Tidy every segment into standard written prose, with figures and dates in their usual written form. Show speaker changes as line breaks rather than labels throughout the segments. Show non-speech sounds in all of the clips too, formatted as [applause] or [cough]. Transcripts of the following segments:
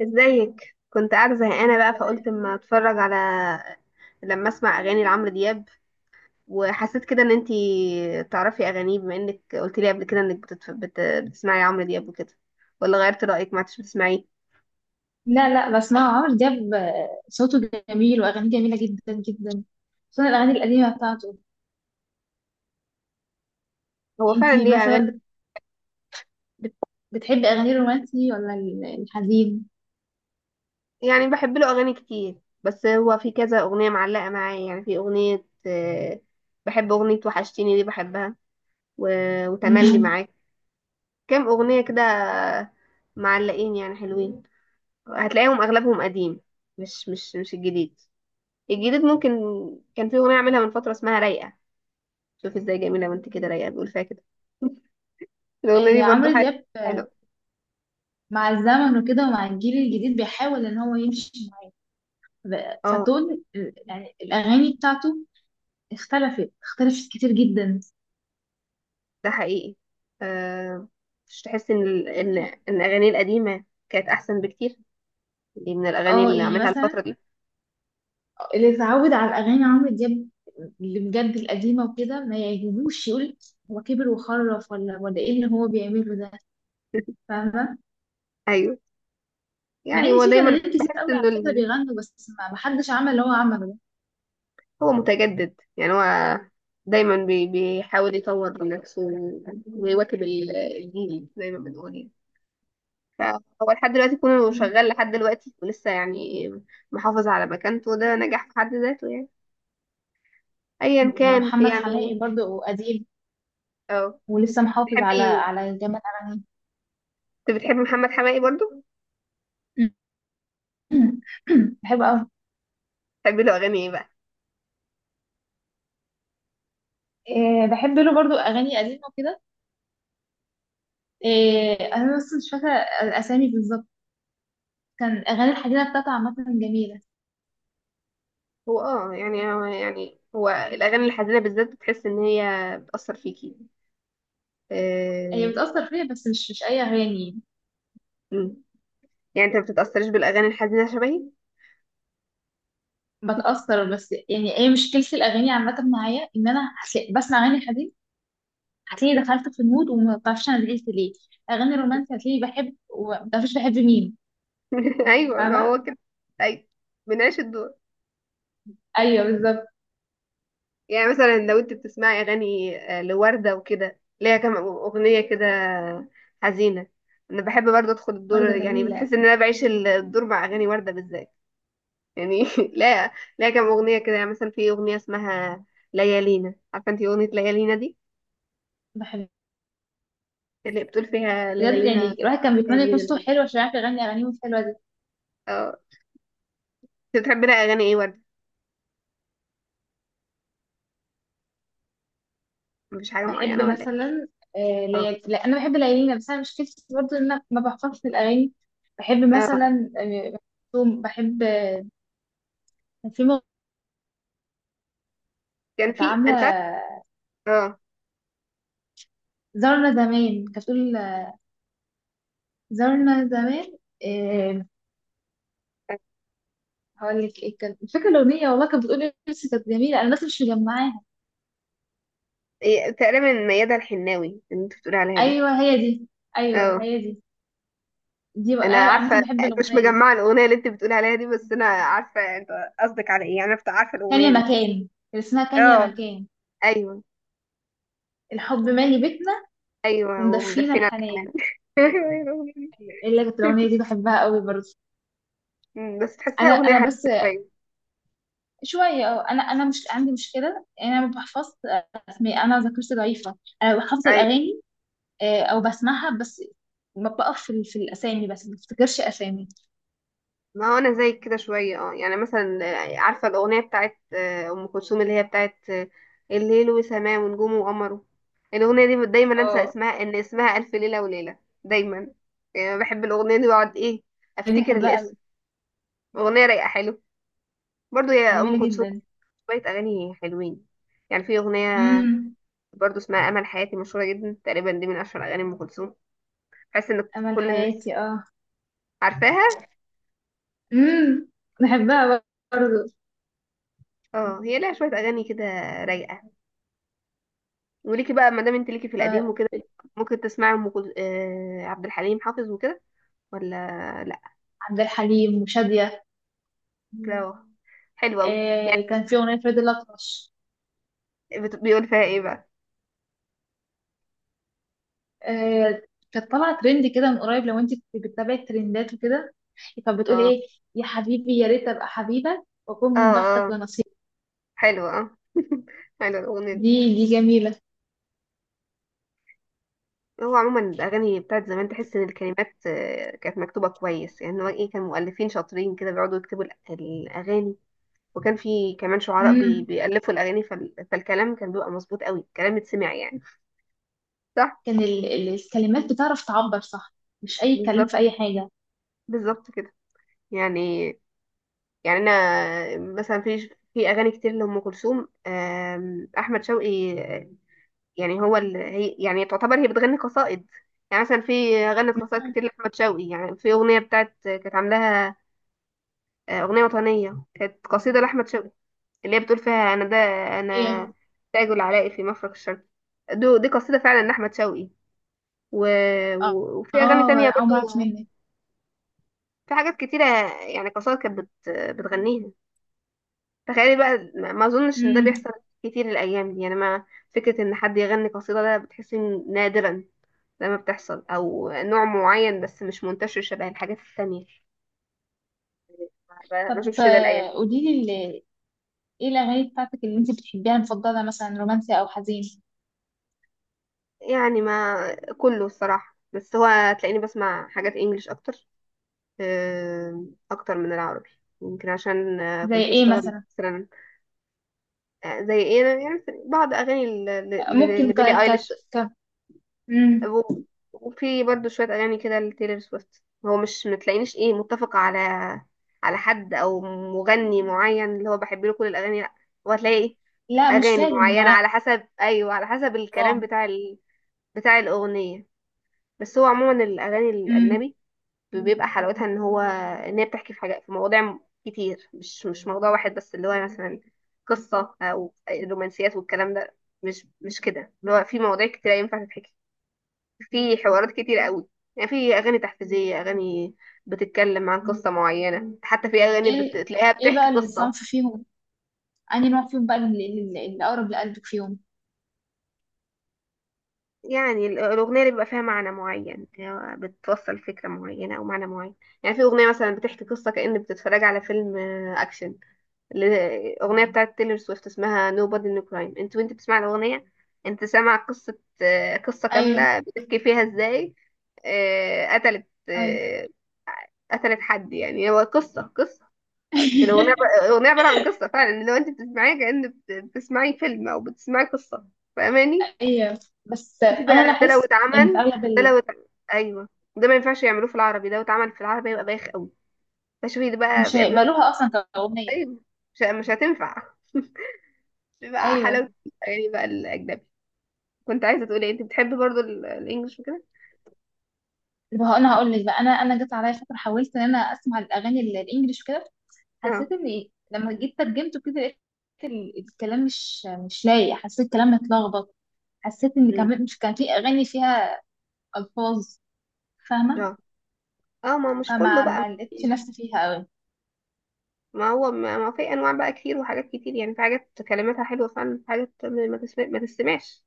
ازيك؟ كنت قاعده زهقانه بقى، فقلت اما اتفرج على لما اسمع اغاني لعمرو دياب. وحسيت كده ان انتي تعرفي اغانيه، بما انك قلت لي قبل كده انك بتسمعي عمرو دياب وكده. ولا غيرت رايك ما عدتش بتسمعيه؟
لا لا، بسمعه عمرو دياب، آه، صوته جميل واغانيه جميله جدا جدا، خصوصا الاغاني القديمه بتاعته.
هو فعلا
انتي
ليه
مثلا
اغاني.
بت- بتحبي اغاني الرومانسي ولا الحزين؟
يعني بحب له اغاني كتير، بس هو في كذا اغنيه معلقه معايا، يعني في اغنيه، بحب اغنيه وحشتيني دي بحبها. و... وتملي
مم.
معاك. كام اغنيه كده معلقين يعني حلوين. هتلاقيهم اغلبهم قديم، مش الجديد. الجديد ممكن كان في اغنيه عاملها من فتره اسمها رايقه. شوف ازاي جميله، وانت كده رايقه بيقول فيها كده. [laughs] الاغنيه
آه،
دي برضو
عمرو
حلوه.
دياب آه،
حلو.
مع الزمن وكده ومع الجيل الجديد بيحاول ان هو يمشي
اه.
فتون يعني الاغاني بتاعته اختلفت كتير جدا.
ده حقيقي. آه. مش تحس ان ان الاغاني القديمه كانت احسن بكتير؟ دي من الاغاني
اه
اللي
يعني
عاملها الفتره
مثلا
دي.
اللي اتعود على اغاني عمرو دياب اللي بجد القديمه وكده ما يعجبوش، يقول هو كبر وخرف ولا ايه اللي هو بيعمله ده.
[laughs]
فاهمه.
ايوه.
مع
يعني
ان
هو
في
دايما
فنانين كتير
بحس
قوي على
انه
فكره بيغنوا، بس ما حدش عمل اللي هو عمله ده.
هو متجدد، يعني هو دايما بيحاول يطور من نفسه، ويواكب الجيل زي ما بنقول يعني. فهو لحد دلوقتي كونه
م-
شغال لحد دلوقتي ولسه يعني محافظ على مكانته، ده نجاح في حد ذاته يعني، ايا كان في
محمد
يعني.
حماقي برضه قديم
اه.
ولسه محافظ على
تحبي
على جامد اغانيه.
انت بتحبي محمد حماقي برضو؟
[clears throat] [coughs] بحب قوي.
تحبي له اغاني ايه بقى؟
إيه، بحب له برضه اغاني قديمه وكده. إيه، انا بس مش فاكره الاسامي بالظبط. كان اغاني الحديده بتاعته عامه جميله.
هو اه يعني هو يعني هو الاغاني الحزينه بالذات بتحس ان هي بتاثر فيكي،
هي
آه،
بتأثر فيا، بس مش أي أغاني.
مم. يعني انت ما بتتاثريش بالاغاني الحزينه شبهي؟
بتأثر، بس يعني ايه مشكلة الأغاني عامة معايا، إن أنا بسمع أغاني حزين هتلاقيني دخلت في المود وما بعرفش أنا زعلت ليه، أغاني رومانسية هتلاقيني بحب وما بعرفش بحب مين.
[laughs] ايوه، ما
فاهمة؟
هو كده. ايوه. بنعيش الدور.
أيوه بالظبط.
يعني مثلا لو انت بتسمعي اغاني، لوردة وكده ليها كام اغنية كده حزينة. انا بحب برضه ادخل الدور،
وردة
يعني بتحس
جميلة.
ان انا بعيش الدور مع اغاني وردة بالذات. يعني [laughs] لا. لا، كام اغنية كده يعني، مثلا في اغنية اسمها ليالينا، عارفة انت اغنية ليالينا دي،
بحب.
اللي بتقول فيها
بجد
ليالينا؟
يعني الواحد كان بيتمنى يكون
ليالينا؟
صوته حلو عشان يعرف يغني أغانيهم الحلوة دي.
اه. انت بتحبي لها اغاني ايه وردة؟ مش حاجة
بحب
معينة ولا ايه؟
مثلا،
اه.
لا، أنا بحب ليالينا، بس أنا مشكلتي برضه إن أنا ما بحفظش الأغاني. بحب
اه.
مثلا، آه، بحب. في مغ-
كان
كانت
في،
عاملة
اه.
زارنا زمان، كانت بتقول زارنا زمان إيه، هقول لك ايه كان فاكره الاغنيه، والله كانت بتقول نفسي، كانت جميله، انا بس مش مجمعاها.
إيه، تقريبا ميادة الحناوي اللي انت بتقولي عليها دي؟
ايوه هي دي، ايوه
اه.
هي دي. دي بقى
انا
انا
عارفه.
عامه بحب
مش
الاغنيه دي.
مجمعه الاغنيه اللي انت بتقولي عليها دي، بس انا عارفه انت قصدك على ايه يعني، انا عارفه
كان يا
الاغنيه دي.
مكان، اللي اسمها كان يا
اه.
مكان،
ايوه.
الحب مالي بيتنا،
ايوه
ومدفينا
ومدفنه
الحنان.
كمان. [laughs] ايوه، أيوة، الأغنية دي.
اللي كانت الاغنيه دي بحبها قوي برضه.
بس تحسها
انا
اغنيه
انا
حزينه
بس.
شويه.
شويه، اه، انا مش عندي مشكله، انا ما بحفظش اسماء، انا ذاكرتي ضعيفه، انا بحفظ
ايوه،
الاغاني آه، او بسمعها بس، ما بقف في الاسامي، بس ما بفتكرش اسامي.
ما هو انا زيك كده شويه يعني مثلا، عارفه الاغنيه بتاعت ام كلثوم اللي هي بتاعت، الليل وسماه ونجومه وقمره. الاغنيه دي دايما انسى اسمها، ان اسمها الف ليله وليله دايما. يعني بحب الاغنيه دي واقعد ايه
دي
افتكر
بحبها قوي.
الاسم. اغنيه رايقه حلوه برضو يا ام
جميلة
كلثوم.
جدا.
شويه اغاني حلوين، يعني في اغنيه
امم.
برضو اسمها امل حياتي، مشهوره جدا، تقريبا دي من اشهر اغاني ام كلثوم. حاسس ان
أمل
كل الناس
حياتي، اه.
عارفاها.
امم. بحبها برضه.
اه، هي لها شويه اغاني كده رايقه. وليكي بقى ما دام انت ليكي في القديم
طيب،
وكده، ممكن تسمعي ام كل... آه عبد الحليم حافظ وكده، ولا لا؟
عبد الحليم وشادية.
كده. حلوه قوي.
آه كان في أغنية فريد الأطرش،
بيقول فيها ايه بقى؟
آه، كانت طالعة ترند كده من قريب، لو انت كنت بتتابعي الترندات وكده. كانت بتقول
اه.
ايه؟ يا حبيبي يا ريت أبقى حبيبك وأكون
اه.
من بختك
اه،
ونصيبك.
حلوه، حلوه الاغنيه دي.
دي جميلة.
هو عموما الأغاني بتاعت زمان تحس إن الكلمات، كانت مكتوبة كويس، يعني هو إيه، كان مؤلفين شاطرين كده بيقعدوا يكتبوا الأغاني، وكان في كمان شعراء
امم.
بيألفوا الأغاني، فالكلام كان بيبقى مظبوط قوي، الكلام يتسمع يعني. صح.
كان ال الكلمات بتعرف تعبر، صح، مش أي كلام في
بالظبط،
أي حاجة.
بالظبط كده. يعني، يعني أنا مثلا في أغاني كتير لأم كلثوم، أحمد شوقي، يعني هو هي يعني تعتبر هي بتغني قصائد. يعني مثلا في غنت قصائد
مم.
كتير لأحمد شوقي، يعني في أغنية بتاعت كانت عاملاها، أغنية وطنية كانت قصيدة لأحمد شوقي، اللي هي بتقول فيها أنا ده
هي.
أنا تاج العلاء في مفرق الشرق. دي قصيدة فعلا لأحمد شوقي. و...
اه.
وفي أغاني تانية
آه، عمرك
برضو. في حاجات كتيرة، يعني قصائد كانت بتغنيها. تخيلي بقى، ما أظنش إن ده
منك.
بيحصل كتير الأيام دي يعني، ما فكرة إن حد يغني قصيدة ده بتحسي إن نادرا لما بتحصل، أو نوع معين بس مش منتشر شبه الحاجات التانية. ما
طب
أشوفش ده الأيام.
آه، قولي لي، ايه الاغاني بتاعتك اللي انت بتحبيها المفضله، مثلا رومانسي او حزين؟
يعني ما كله الصراحة، بس هو تلاقيني بسمع حاجات انجليش اكتر، اكتر من العربي. يمكن عشان
زي
كنت
ايه
بشتغل
مثلا؟
مثلا. زي ايه، أنا يعني بعض اغاني
ممكن ك
لبيلي
ك
ايليش،
ك مم.
و- وفي برضو شوية اغاني كده لتايلور سويفت. هو مش متلاقينيش ايه متفقة على حد او مغني معين اللي هو بحب له كل الاغاني، لا. هو هتلاقي ايه
لا مش
اغاني
لازم
معينة
نوع.
على حسب، ايوه، على حسب الكلام بتاع بتاع الاغنية. بس هو عموما الاغاني
مم.
الاجنبي بيبقى حلاوتها ان هو ان هي بتحكي في حاجات، في مواضيع كتير، مش موضوع واحد بس، اللي هو مثلا قصة او رومانسيات والكلام ده، مش كده، اللي هو في مواضيع كتير ينفع تتحكي، في حوارات كتير قوي. يعني في اغاني تحفيزية، اغاني بتتكلم عن قصة معينة، حتى في اغاني
ايه.
بتلاقيها
ايه
بتحكي
بقى
قصة.
الصنف فيهم، انهي نوع فيهم بقى اللي اقرب لقلبك فيهم؟
يعني الاغنية اللي بيبقى فيها معنى معين، اللي هو بتوصل فكرة معينة او معنى معين. يعني في اغنية مثلا بتحكي قصة كأن بتتفرج على فيلم، اكشن. الأغنية بتاعت تيلر سويفت اسمها Nobody No Crime، انت وانت بتسمع الأغنية انت سامع قصة، قصة
ايوه.
كاملة بتحكي فيها ازاي، قتلت،
ايوه
قتلت حد، يعني هو قصة قصة.
[laughs]
الأغنية عبارة عن قصة فعلا، لو انت بتسمعيها كأن بتسمعي فيلم أو بتسمعي قصة. فاهماني؟
ايوه. بس
شوفي
انا
بقى، ده لو
لاحظت ان في
اتعمل.
اغلب
ده لو اتعمل. أيوه، ده ما ينفعش يعملوه في العربي، ده لو اتعمل في العربي يبقى بايخ قوي. فشوفي ده بقى
مش
بيعملوها
هيقبلوها اصلا كاغنيه.
ازاي؟ مش هتنفع. بيبقى
ايوه.
حلاوة الأغاني بقى الأجنبي. كنت عايزة تقولي إيه، أنت بتحبي برضو الإنجليش وكده؟
طب انا هقول لك بقى، انا جت عليا فتره حاولت ان انا اسمع الاغاني الانجليش وكده.
اه.
حسيت ان إيه؟ لما جيت ترجمته كده لقيت الكلام مش لايق، حسيت الكلام متلخبط، حسيت ان
أمم.
كان مش كان في اغاني فيها الفاظ، فاهمه؟
اه، اه، ما مش كله
فما
بقى.
ما لقيتش نفسي فيها قوي.
ما هو ما في أنواع بقى كتير وحاجات كتير، يعني في حاجات كلماتها حلوة فعلا، في حاجات ما تسمع ما تسمعش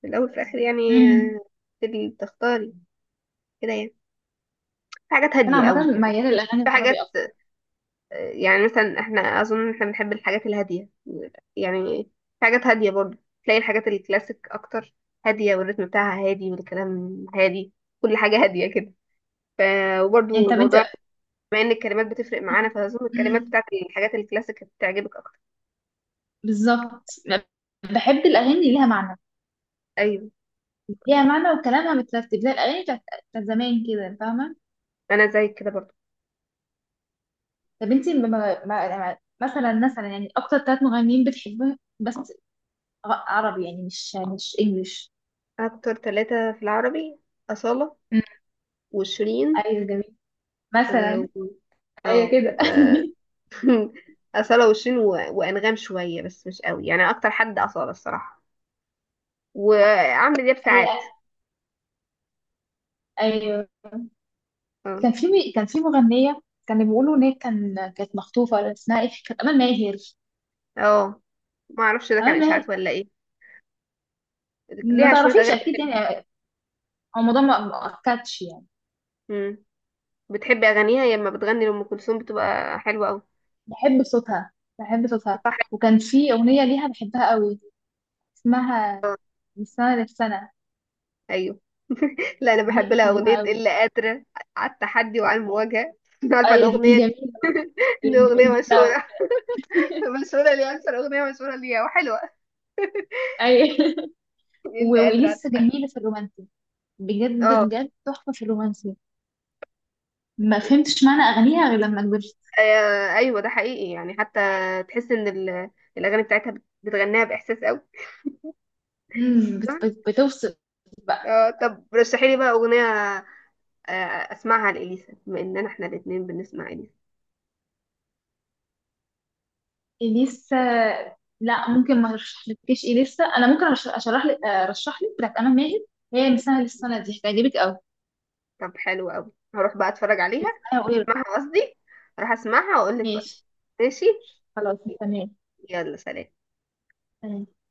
في الأول في الآخر يعني.
امم.
آه، تبي تختاري كده يعني، في حاجات
انا
هادية
عامه
أوي يعني،
مياله للاغاني
في حاجات،
العربي اكتر.
يعني مثلا احنا اظن احنا بنحب الحاجات الهاديه يعني، في حاجات هاديه برضه، تلاقي الحاجات الكلاسيك اكتر، هاديه والريتم بتاعها هادي والكلام هادي، كل حاجه هاديه كده. ف
يعني
وبرضه
طب انت.
موضوع، بما ان الكلمات بتفرق معانا، فاظن الكلمات
امم.
بتاعت الحاجات الكلاسيك بتعجبك اكتر.
بالظبط. بحب الاغاني اللي ليها معنى،
ايوه،
ليها معنى وكلامها مترتب زي الاغاني بتاعت زمان كده، فاهمه؟
انا زيك كده برضه.
طب انت مثلا، مثلا يعني اكتر ثلاث مغنيين بتحبهم، بس عربي يعني مش انجليش.
اكتر 3 في العربي: اصاله،
مم.
وشيرين.
ايوه جميل.
اه،
مثلا. ايوه
آه،
كده.
و- [laughs] اصاله وشيرين وانغام شويه، بس مش قوي يعني، اكتر حد اصاله الصراحه، وعمرو دياب
[laughs] هي.
ساعات.
ايوه.
اه.
كان في مغنيه كانوا بيقولوا ان هي كانت مخطوفه، اسمها ايه، كانت امال ماهر.
اه. ما اعرفش ده كان
امال ماهر،
اشاعات ولا ايه.
ما
ليها شويه اغاني
تعرفيش اكيد
حلوين.
يعني. هو الموضوع ما اكدش يعني.
امم. بتحبي اغانيها، هي لما بتغني لام كلثوم بتبقى حلوه قوي.
بحب صوتها، بحب صوتها.
صح.
وكان في اغنيه ليها بحبها قوي، اسمها من سنه للسنه.
ايوه. [laughs] لا، انا
دي
بحب لها
بحبها
اغنيه
قوي.
الا قادره على التحدي وعلى المواجهه. [laughs] عارفه
ايوه دي
الاغنيه.
جميله.
دي اغنيه
الاندماج
مشهوره.
بتاعه.
[laughs] مشهوره ليها، اكثر اغنيه مشهوره ليها وحلوه.
ايوه. [laughs]
[laughs] الا قادره.
واليسا جميله في الرومانسي، بجد
اه.
بجد تحفة في الرومانسي. ما فهمتش معنى أغانيها غير لما كبرت.
ايوه ده حقيقي يعني، حتى تحس ان الاغاني بتاعتها بتغنيها باحساس قوي.
مم، بتوصف بقى.
اه، طب رشحي لي بقى اغنيه، آه، اسمعها لاليسا بما اننا احنا الاثنين بنسمع اليسا.
إليسا، لا ممكن ما ارشحلكيش إليسا. أنا ممكن أرش- أشرح لك أرشح لك بتاعت أمل ماهر. هي مثال السنة دي هتعجبك أوي.
طب حلو قوي، هروح بقى اتفرج عليها.
اسمعيها وقولي رأيك.
اسمعها قصدي، راح اسمعها واقول لك رايي.
ماشي.
ماشي.
خلاص تمام.
يلا سلام.
تمام.